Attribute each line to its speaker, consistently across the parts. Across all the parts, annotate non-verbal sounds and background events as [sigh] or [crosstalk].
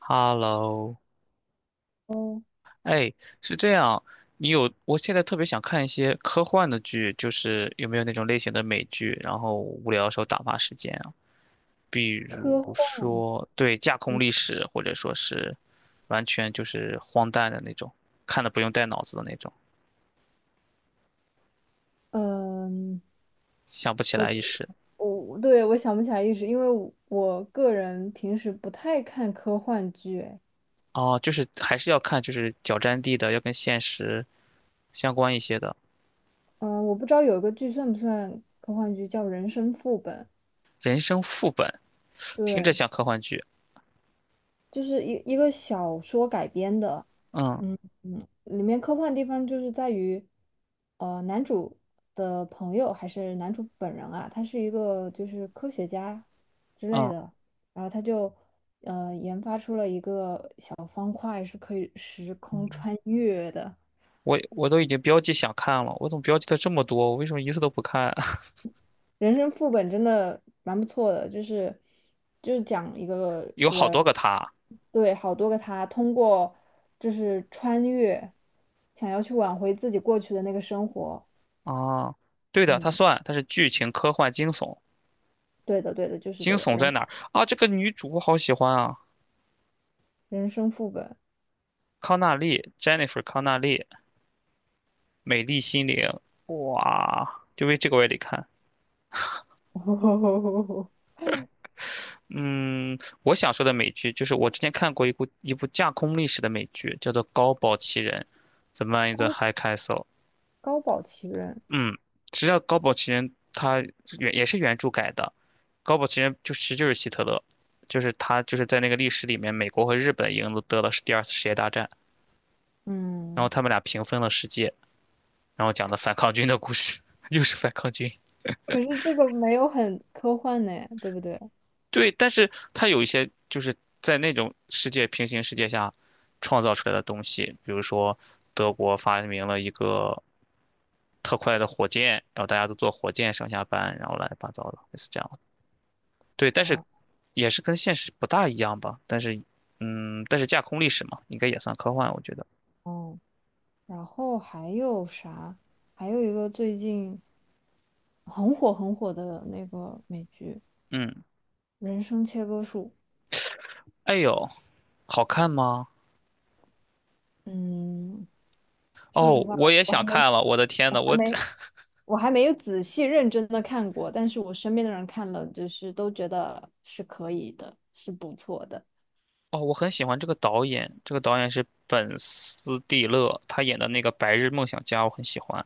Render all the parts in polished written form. Speaker 1: Hello，
Speaker 2: 哦，
Speaker 1: 哎，是这样，你有，我现在特别想看一些科幻的剧，就是有没有那种类型的美剧，然后无聊的时候打发时间啊，比
Speaker 2: 科
Speaker 1: 如
Speaker 2: 幻，
Speaker 1: 说，对，架空
Speaker 2: 嗯，
Speaker 1: 历史，或者说是完全就是荒诞的那种，看的不用带脑子的那种，
Speaker 2: 嗯，
Speaker 1: 想不起
Speaker 2: 我
Speaker 1: 来一时。
Speaker 2: 我想不起来一时，因为我个人平时不太看科幻剧，哎，
Speaker 1: 哦，就是还是要看，就是脚沾地的，要跟现实相关一些的，
Speaker 2: 嗯，我不知道有一个剧算不算科幻剧，叫《人生副本》。
Speaker 1: 人生副本，听着
Speaker 2: 对，
Speaker 1: 像科幻剧，
Speaker 2: 就是一个小说改编的。
Speaker 1: 嗯
Speaker 2: 嗯嗯，里面科幻地方就是在于，男主的朋友还是男主本人啊，他是一个就是科学家之类
Speaker 1: 嗯。
Speaker 2: 的。然后他就研发出了一个小方块是可以时空穿越的。
Speaker 1: 我都已经标记想看了，我怎么标记的这么多？我为什么一次都不看？[laughs]
Speaker 2: 人生副本真的蛮不错的，就是讲一个。
Speaker 1: 有好多个他
Speaker 2: 对，好多个他通过就是穿越，想要去挽回自己过去的那个生活。
Speaker 1: 啊，对的，
Speaker 2: 嗯，
Speaker 1: 他算，他是剧情、科幻、惊悚。
Speaker 2: 对的，对的，就是
Speaker 1: 惊
Speaker 2: 这个
Speaker 1: 悚在
Speaker 2: 人。
Speaker 1: 哪儿啊？这个女主我好喜欢啊，
Speaker 2: 人生副本，
Speaker 1: 康纳利，Jennifer 康纳利，美丽心灵，哇，就为这个我也得看。
Speaker 2: [laughs]
Speaker 1: 嗯，我想说的美剧就是我之前看过一部架空历史的美剧，叫做《高堡奇人》，《怎么样？
Speaker 2: 高高保奇人。
Speaker 1: 嗯，实际上《高堡奇人》他原也是原著改的，《高堡奇人》就其实就是希特勒，就是他就是在那个历史里面，美国和日本赢了得了第二次世界大战，然后
Speaker 2: 嗯，
Speaker 1: 他们俩平分了世界，然后讲的反抗军的故事，[laughs] 又是反抗军。
Speaker 2: 可是这个没有很科幻呢，对不对？
Speaker 1: 对，但是他有一些就是在那种世界平行世界下创造出来的东西，比如说德国发明了一个特快的火箭，然后大家都坐火箭上下班，然后乱七八糟的，类似这样。对，但是
Speaker 2: 哦
Speaker 1: 也是跟现实不大一样吧。但是架空历史嘛，应该也算科幻，我觉得。
Speaker 2: 哦，然后还有啥？还有一个最近很火很火的那个美剧
Speaker 1: 嗯，
Speaker 2: 《人生切割术》。
Speaker 1: 哎呦，好看吗？
Speaker 2: 嗯，说实
Speaker 1: 哦，
Speaker 2: 话，
Speaker 1: 我也
Speaker 2: 我还
Speaker 1: 想
Speaker 2: 没，
Speaker 1: 看了，我的天呐，
Speaker 2: 我还
Speaker 1: 我这
Speaker 2: 没，
Speaker 1: [laughs]
Speaker 2: 我还没有仔细认真的看过，但是我身边的人看了，就是都觉得是可以的，是不错的。
Speaker 1: 哦，我很喜欢这个导演，这个导演是本斯蒂勒，他演的那个《白日梦想家》，我很喜欢。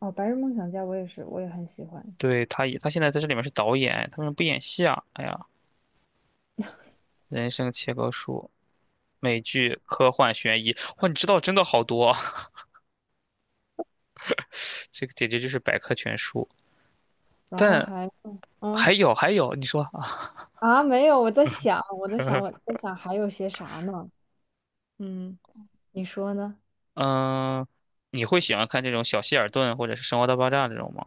Speaker 2: 哦，《白日梦想家》我也是，我也很喜欢。
Speaker 1: 对，他也，他现在在这里面是导演，他为什么不演戏啊？哎呀，人生切割术，美剧、科幻、悬疑，哇，你知道真的好多啊，[laughs] 这个简直就是百科全书。
Speaker 2: 然后
Speaker 1: 但
Speaker 2: 还，嗯
Speaker 1: 还有还有，你说。
Speaker 2: 没有，我在想还有些啥呢？嗯，你说呢？
Speaker 1: 嗯，你会喜欢看这种小希尔顿或者是《生活大爆炸》这种吗？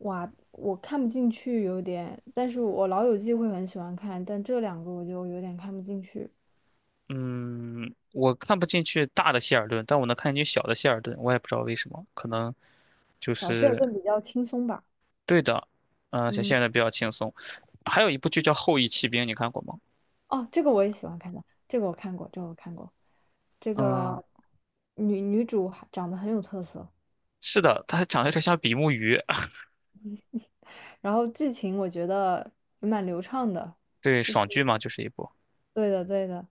Speaker 2: 哇，我看不进去有点，但是我《老友记》会很喜欢看，但这两个我就有点看不进去。
Speaker 1: 嗯，我看不进去大的希尔顿，但我能看进去小的希尔顿，我也不知道为什么，可能就
Speaker 2: 小谢儿
Speaker 1: 是
Speaker 2: 更比较轻松吧。
Speaker 1: 对的。嗯，小希
Speaker 2: 嗯。
Speaker 1: 尔顿比较轻松。还有一部剧叫《后翼骑兵》，你看过吗？
Speaker 2: 哦，这个我也喜欢看的，这个我看过，这个我看过。这
Speaker 1: 嗯，
Speaker 2: 个女主还长得很有特色，
Speaker 1: 是的，它长得有点像比目鱼。[laughs]
Speaker 2: 然后剧情我觉得也蛮流畅的。
Speaker 1: 对，爽剧嘛，就是一部。
Speaker 2: 对的，对的，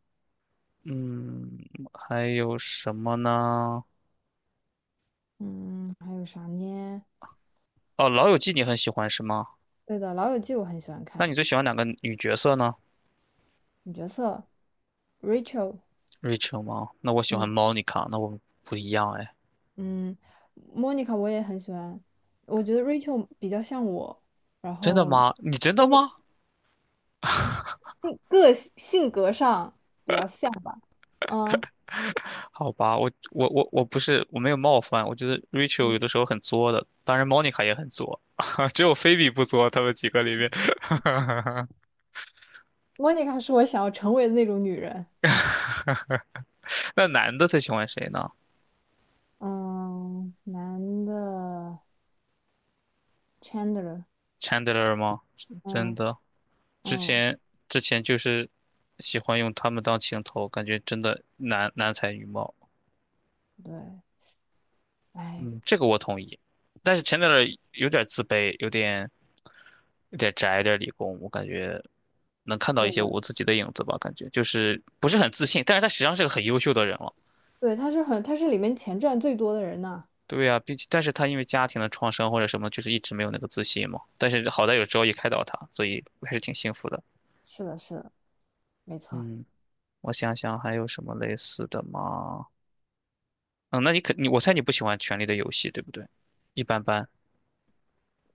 Speaker 1: 嗯，还有什么呢？
Speaker 2: 嗯，还有啥呢？
Speaker 1: 哦，《老友记》你很喜欢是吗？
Speaker 2: 对的，《老友记》我很喜欢
Speaker 1: 那你
Speaker 2: 看，
Speaker 1: 最喜欢哪个女角色呢？
Speaker 2: 女角色 Rachel，
Speaker 1: Rachel 吗？那我喜
Speaker 2: 嗯
Speaker 1: 欢 Monica,那我们不一样哎。
Speaker 2: 嗯，Monica 我也很喜欢，我觉得 Rachel 比较像我，然
Speaker 1: 真的
Speaker 2: 后
Speaker 1: 吗？你真的
Speaker 2: 我
Speaker 1: 吗？
Speaker 2: 个性性格上比较像吧，嗯。
Speaker 1: 好吧，我我我我不是我没有冒犯，我觉得 Rachel 有的时候很作的，当然 Monica 也很作，[laughs] 只有菲比不作，他们几个里面。[laughs]
Speaker 2: 莫妮卡是我想要成为的那种女人。
Speaker 1: 那男的最喜欢谁呢
Speaker 2: 嗯，男的 Chandler，
Speaker 1: ？Chandler 吗？真
Speaker 2: 嗯
Speaker 1: 的，之
Speaker 2: 嗯，
Speaker 1: 前之前就是喜欢用他们当情头，感觉真的男男才女貌。
Speaker 2: 对，哎，
Speaker 1: 嗯，这个我同意，但是前点儿有点自卑，有点宅，有点理工，我感觉能看到
Speaker 2: 对
Speaker 1: 一些
Speaker 2: 的，
Speaker 1: 我自己的影子吧，感觉就是不是很自信，但是他实际上是个很优秀的人了。
Speaker 2: 对，他是很，他是里面钱赚最多的人呢。
Speaker 1: 对呀、并且但是他因为家庭的创伤或者什么，就是一直没有那个自信嘛。但是好在有周易开导他，所以我还是挺幸福的。
Speaker 2: 是的，是的，没错，
Speaker 1: 嗯，我想想还有什么类似的吗？嗯，那你肯你我猜你不喜欢《权力的游戏》，对不对？一般般。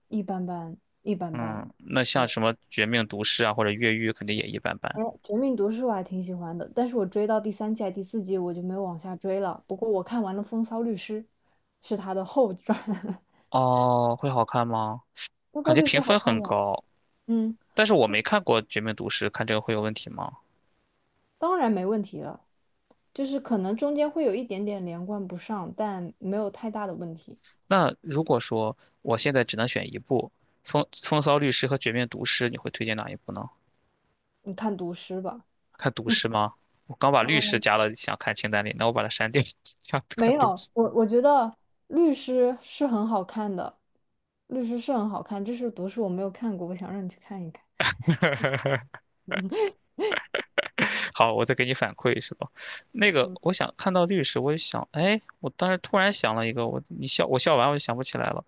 Speaker 2: 一般般，一般般。
Speaker 1: 嗯，那像
Speaker 2: 对，
Speaker 1: 什么《绝命毒师》啊，或者《越狱》，肯定也一般般。
Speaker 2: 哎，《绝命毒师》我还挺喜欢的，但是我追到第三季、还第四季我就没有往下追了。不过我看完了《风骚律师》，是他的后传。[laughs]
Speaker 1: 哦，会好看吗？
Speaker 2: 《风骚
Speaker 1: 感觉
Speaker 2: 律师》
Speaker 1: 评
Speaker 2: 好
Speaker 1: 分
Speaker 2: 看
Speaker 1: 很
Speaker 2: 吗？
Speaker 1: 高，
Speaker 2: 嗯。
Speaker 1: 但是我没看过《绝命毒师》，看这个会有问题吗？
Speaker 2: 当然没问题了，就是可能中间会有一点点连贯不上，但没有太大的问题。
Speaker 1: 那如果说我现在只能选一部，《风骚律师》和《绝命毒师》，你会推荐哪一部呢？
Speaker 2: 你看读诗吧。
Speaker 1: 看毒师吗？我刚把律师
Speaker 2: 嗯，
Speaker 1: 加了，想看清单里，那我把它删掉，[laughs] 想看
Speaker 2: 没
Speaker 1: 毒
Speaker 2: 有，
Speaker 1: 师。
Speaker 2: 我觉得律师是很好看的，律师是很好看，这是读诗我没有看过，我想让你去看一看。
Speaker 1: [laughs] 好，我再给你反馈是吧？那个，
Speaker 2: 嗯，
Speaker 1: 我想看到律师，我就想，哎，我当时突然想了一个，我你笑，我笑完我就想不起来了。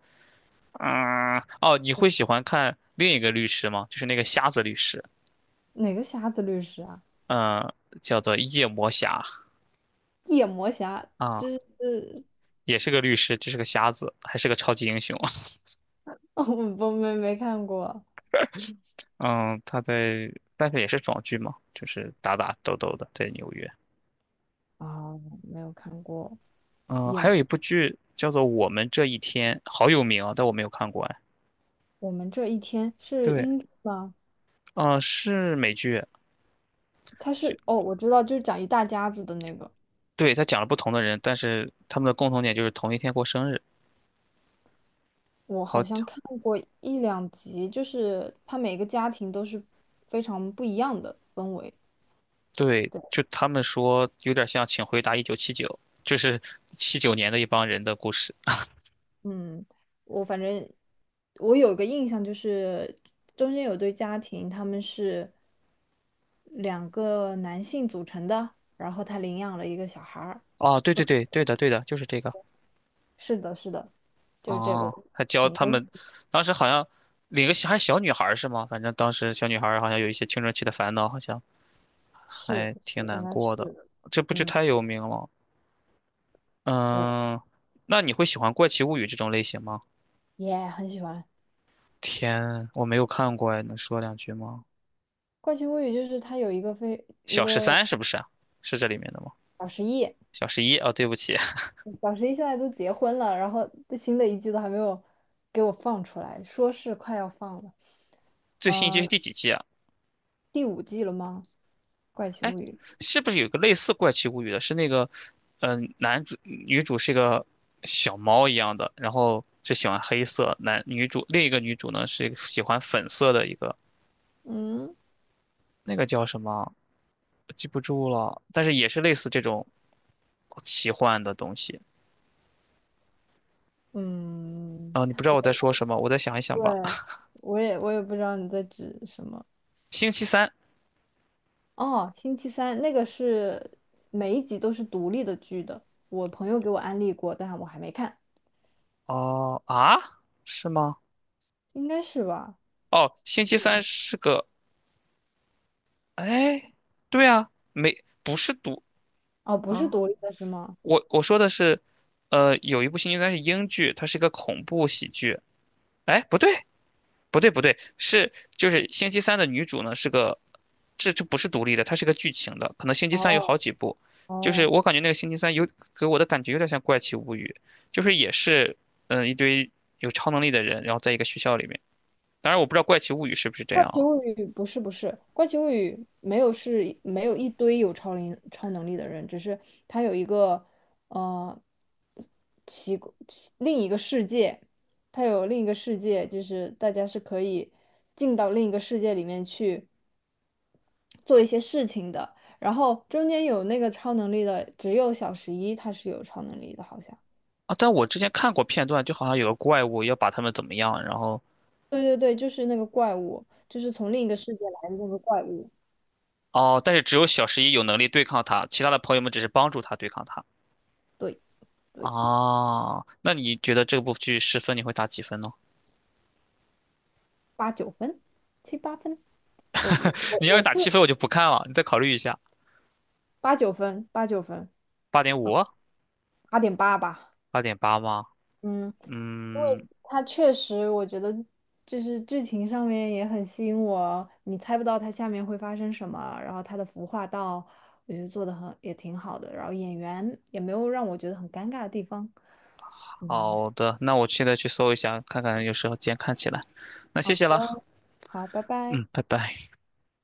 Speaker 1: 嗯，哦，你会喜欢看另一个律师吗？就是那个瞎子律师，
Speaker 2: 哪个瞎子律师啊？
Speaker 1: 嗯，叫做夜魔侠
Speaker 2: 夜魔侠，
Speaker 1: 啊，
Speaker 2: 这是
Speaker 1: 也是个律师，这是个瞎子，还是个超级英雄。[laughs]
Speaker 2: [laughs] 我我没看过
Speaker 1: 嗯，他在，但是也是爽剧嘛，就是打打斗斗的，在纽约。
Speaker 2: 啊，没有看过
Speaker 1: 嗯，
Speaker 2: 夜
Speaker 1: 还
Speaker 2: 魔
Speaker 1: 有一部
Speaker 2: 侠。
Speaker 1: 剧叫做《我们这一天》，好有名啊，但我没有看过哎。
Speaker 2: 我们这一天是
Speaker 1: 对，
Speaker 2: 英剧吗？
Speaker 1: 嗯，是美剧，
Speaker 2: 它是哦，我知道，就是讲一大家子的那个。
Speaker 1: 对，他讲了不同的人，但是他们的共同点就是同一天过生日，
Speaker 2: 我好
Speaker 1: 好
Speaker 2: 像看过一两集，就是他每个家庭都是非常不一样的氛围。
Speaker 1: 对，就他们说有点像《请回答1979》，就是79年的一帮人的故事。
Speaker 2: 嗯，我反正我有个印象，就是中间有对家庭，他们是两个男性组成的，然后他领养了一个小孩儿。
Speaker 1: 哦，对对对，对的对的，就是这个。
Speaker 2: 是的，是的，就是这个。
Speaker 1: 哦，还教
Speaker 2: 挺
Speaker 1: 他们，当时好像领个小女孩儿是吗？反正当时小女孩儿好像有一些青春期的烦恼，好像
Speaker 2: 是
Speaker 1: 还挺
Speaker 2: 是应
Speaker 1: 难
Speaker 2: 该是
Speaker 1: 过的。
Speaker 2: 的，
Speaker 1: 这部剧
Speaker 2: 嗯，
Speaker 1: 太有名了。
Speaker 2: 对，
Speaker 1: 嗯，那你会喜欢《怪奇物语》这种类型吗？
Speaker 2: 也、很喜欢
Speaker 1: 天，我没有看过哎，能说两句吗？
Speaker 2: 《怪奇物语》，就是它有一个非一
Speaker 1: 小十
Speaker 2: 个
Speaker 1: 三是不是啊？是这里面的吗？
Speaker 2: 小实验。
Speaker 1: 小十一哦，对不起，
Speaker 2: 小十一现在都结婚了，然后这新的一季都还没有给我放出来，说是快要放了。
Speaker 1: [laughs] 最新一季
Speaker 2: 呃，
Speaker 1: 是第几季啊？
Speaker 2: 第五季了吗？《怪奇
Speaker 1: 哎，
Speaker 2: 物语》。
Speaker 1: 是不是有个类似《怪奇物语》的？是那个，嗯、男主女主是个小猫一样的，然后只喜欢黑色。男女主另一个女主呢是一个喜欢粉色的一个，
Speaker 2: 嗯，
Speaker 1: 那个叫什么？我记不住了，但是也是类似这种奇幻的东西。
Speaker 2: 嗯，
Speaker 1: 啊、你不知道我在说什么，我再想一想
Speaker 2: 对，
Speaker 1: 吧。
Speaker 2: 我也不知道你在指什么。
Speaker 1: 星期三，
Speaker 2: 哦，星期三那个是每一集都是独立的剧的，我朋友给我安利过，但我还没看，
Speaker 1: 哦啊，是吗？
Speaker 2: 应该是吧？
Speaker 1: 哦，星期
Speaker 2: 是
Speaker 1: 三
Speaker 2: 吧？
Speaker 1: 是个，哎，对啊，没，不是毒
Speaker 2: 哦，不是
Speaker 1: 啊。
Speaker 2: 独立的是吗？
Speaker 1: 我说的是，有一部星期三》应该是英剧，它是一个恐怖喜剧。哎，不对，不对，不对，就是星期三的女主呢是个，这不是独立的，它是个剧情的，可能星期三有好
Speaker 2: 哦
Speaker 1: 几部。就是
Speaker 2: 哦。
Speaker 1: 我感觉那个星期三给我的感觉有点像《怪奇物语》，就是也是一堆有超能力的人，然后在一个学校里面。当然我不知道《怪奇物语》是不是这
Speaker 2: 奇
Speaker 1: 样
Speaker 2: 物语不是不是，怪奇物语没有是没有一堆有超灵超能力的人，只是他有一个呃奇怪另一个世界，他有另一个世界，就是大家是可以进到另一个世界里面去做一些事情的。然后中间有那个超能力的，只有小十一他是有超能力的，好像。
Speaker 1: 啊，啊但我之前看过片段，就好像有个怪物要把他们怎么样，然后
Speaker 2: 对对对，就是那个怪物，就是从另一个世界来的那个怪物。
Speaker 1: 哦，但是只有小十一有能力对抗他，其他的朋友们只是帮助他对抗他。
Speaker 2: 对对，
Speaker 1: 哦，那你觉得这部剧10分你会打几分呢？
Speaker 2: 八九分，七八分。我我
Speaker 1: [laughs]
Speaker 2: 我
Speaker 1: 你要是
Speaker 2: 我是
Speaker 1: 打7分，我就不看了，你再考虑一下，
Speaker 2: 八九分，八九分，
Speaker 1: 8.5、
Speaker 2: 八点八吧。
Speaker 1: 8.8吗？
Speaker 2: 嗯，因
Speaker 1: 嗯，
Speaker 2: 为他确实，我觉得就是剧情上面也很吸引我，你猜不到它下面会发生什么，然后它的服化道，我觉得做的很也挺好的，然后演员也没有让我觉得很尴尬的地方。嗯，
Speaker 1: 好的，那我现在去搜一下，看看有时候间看起来。那
Speaker 2: 好
Speaker 1: 谢谢了，
Speaker 2: 的，好，拜拜。
Speaker 1: 嗯，拜拜。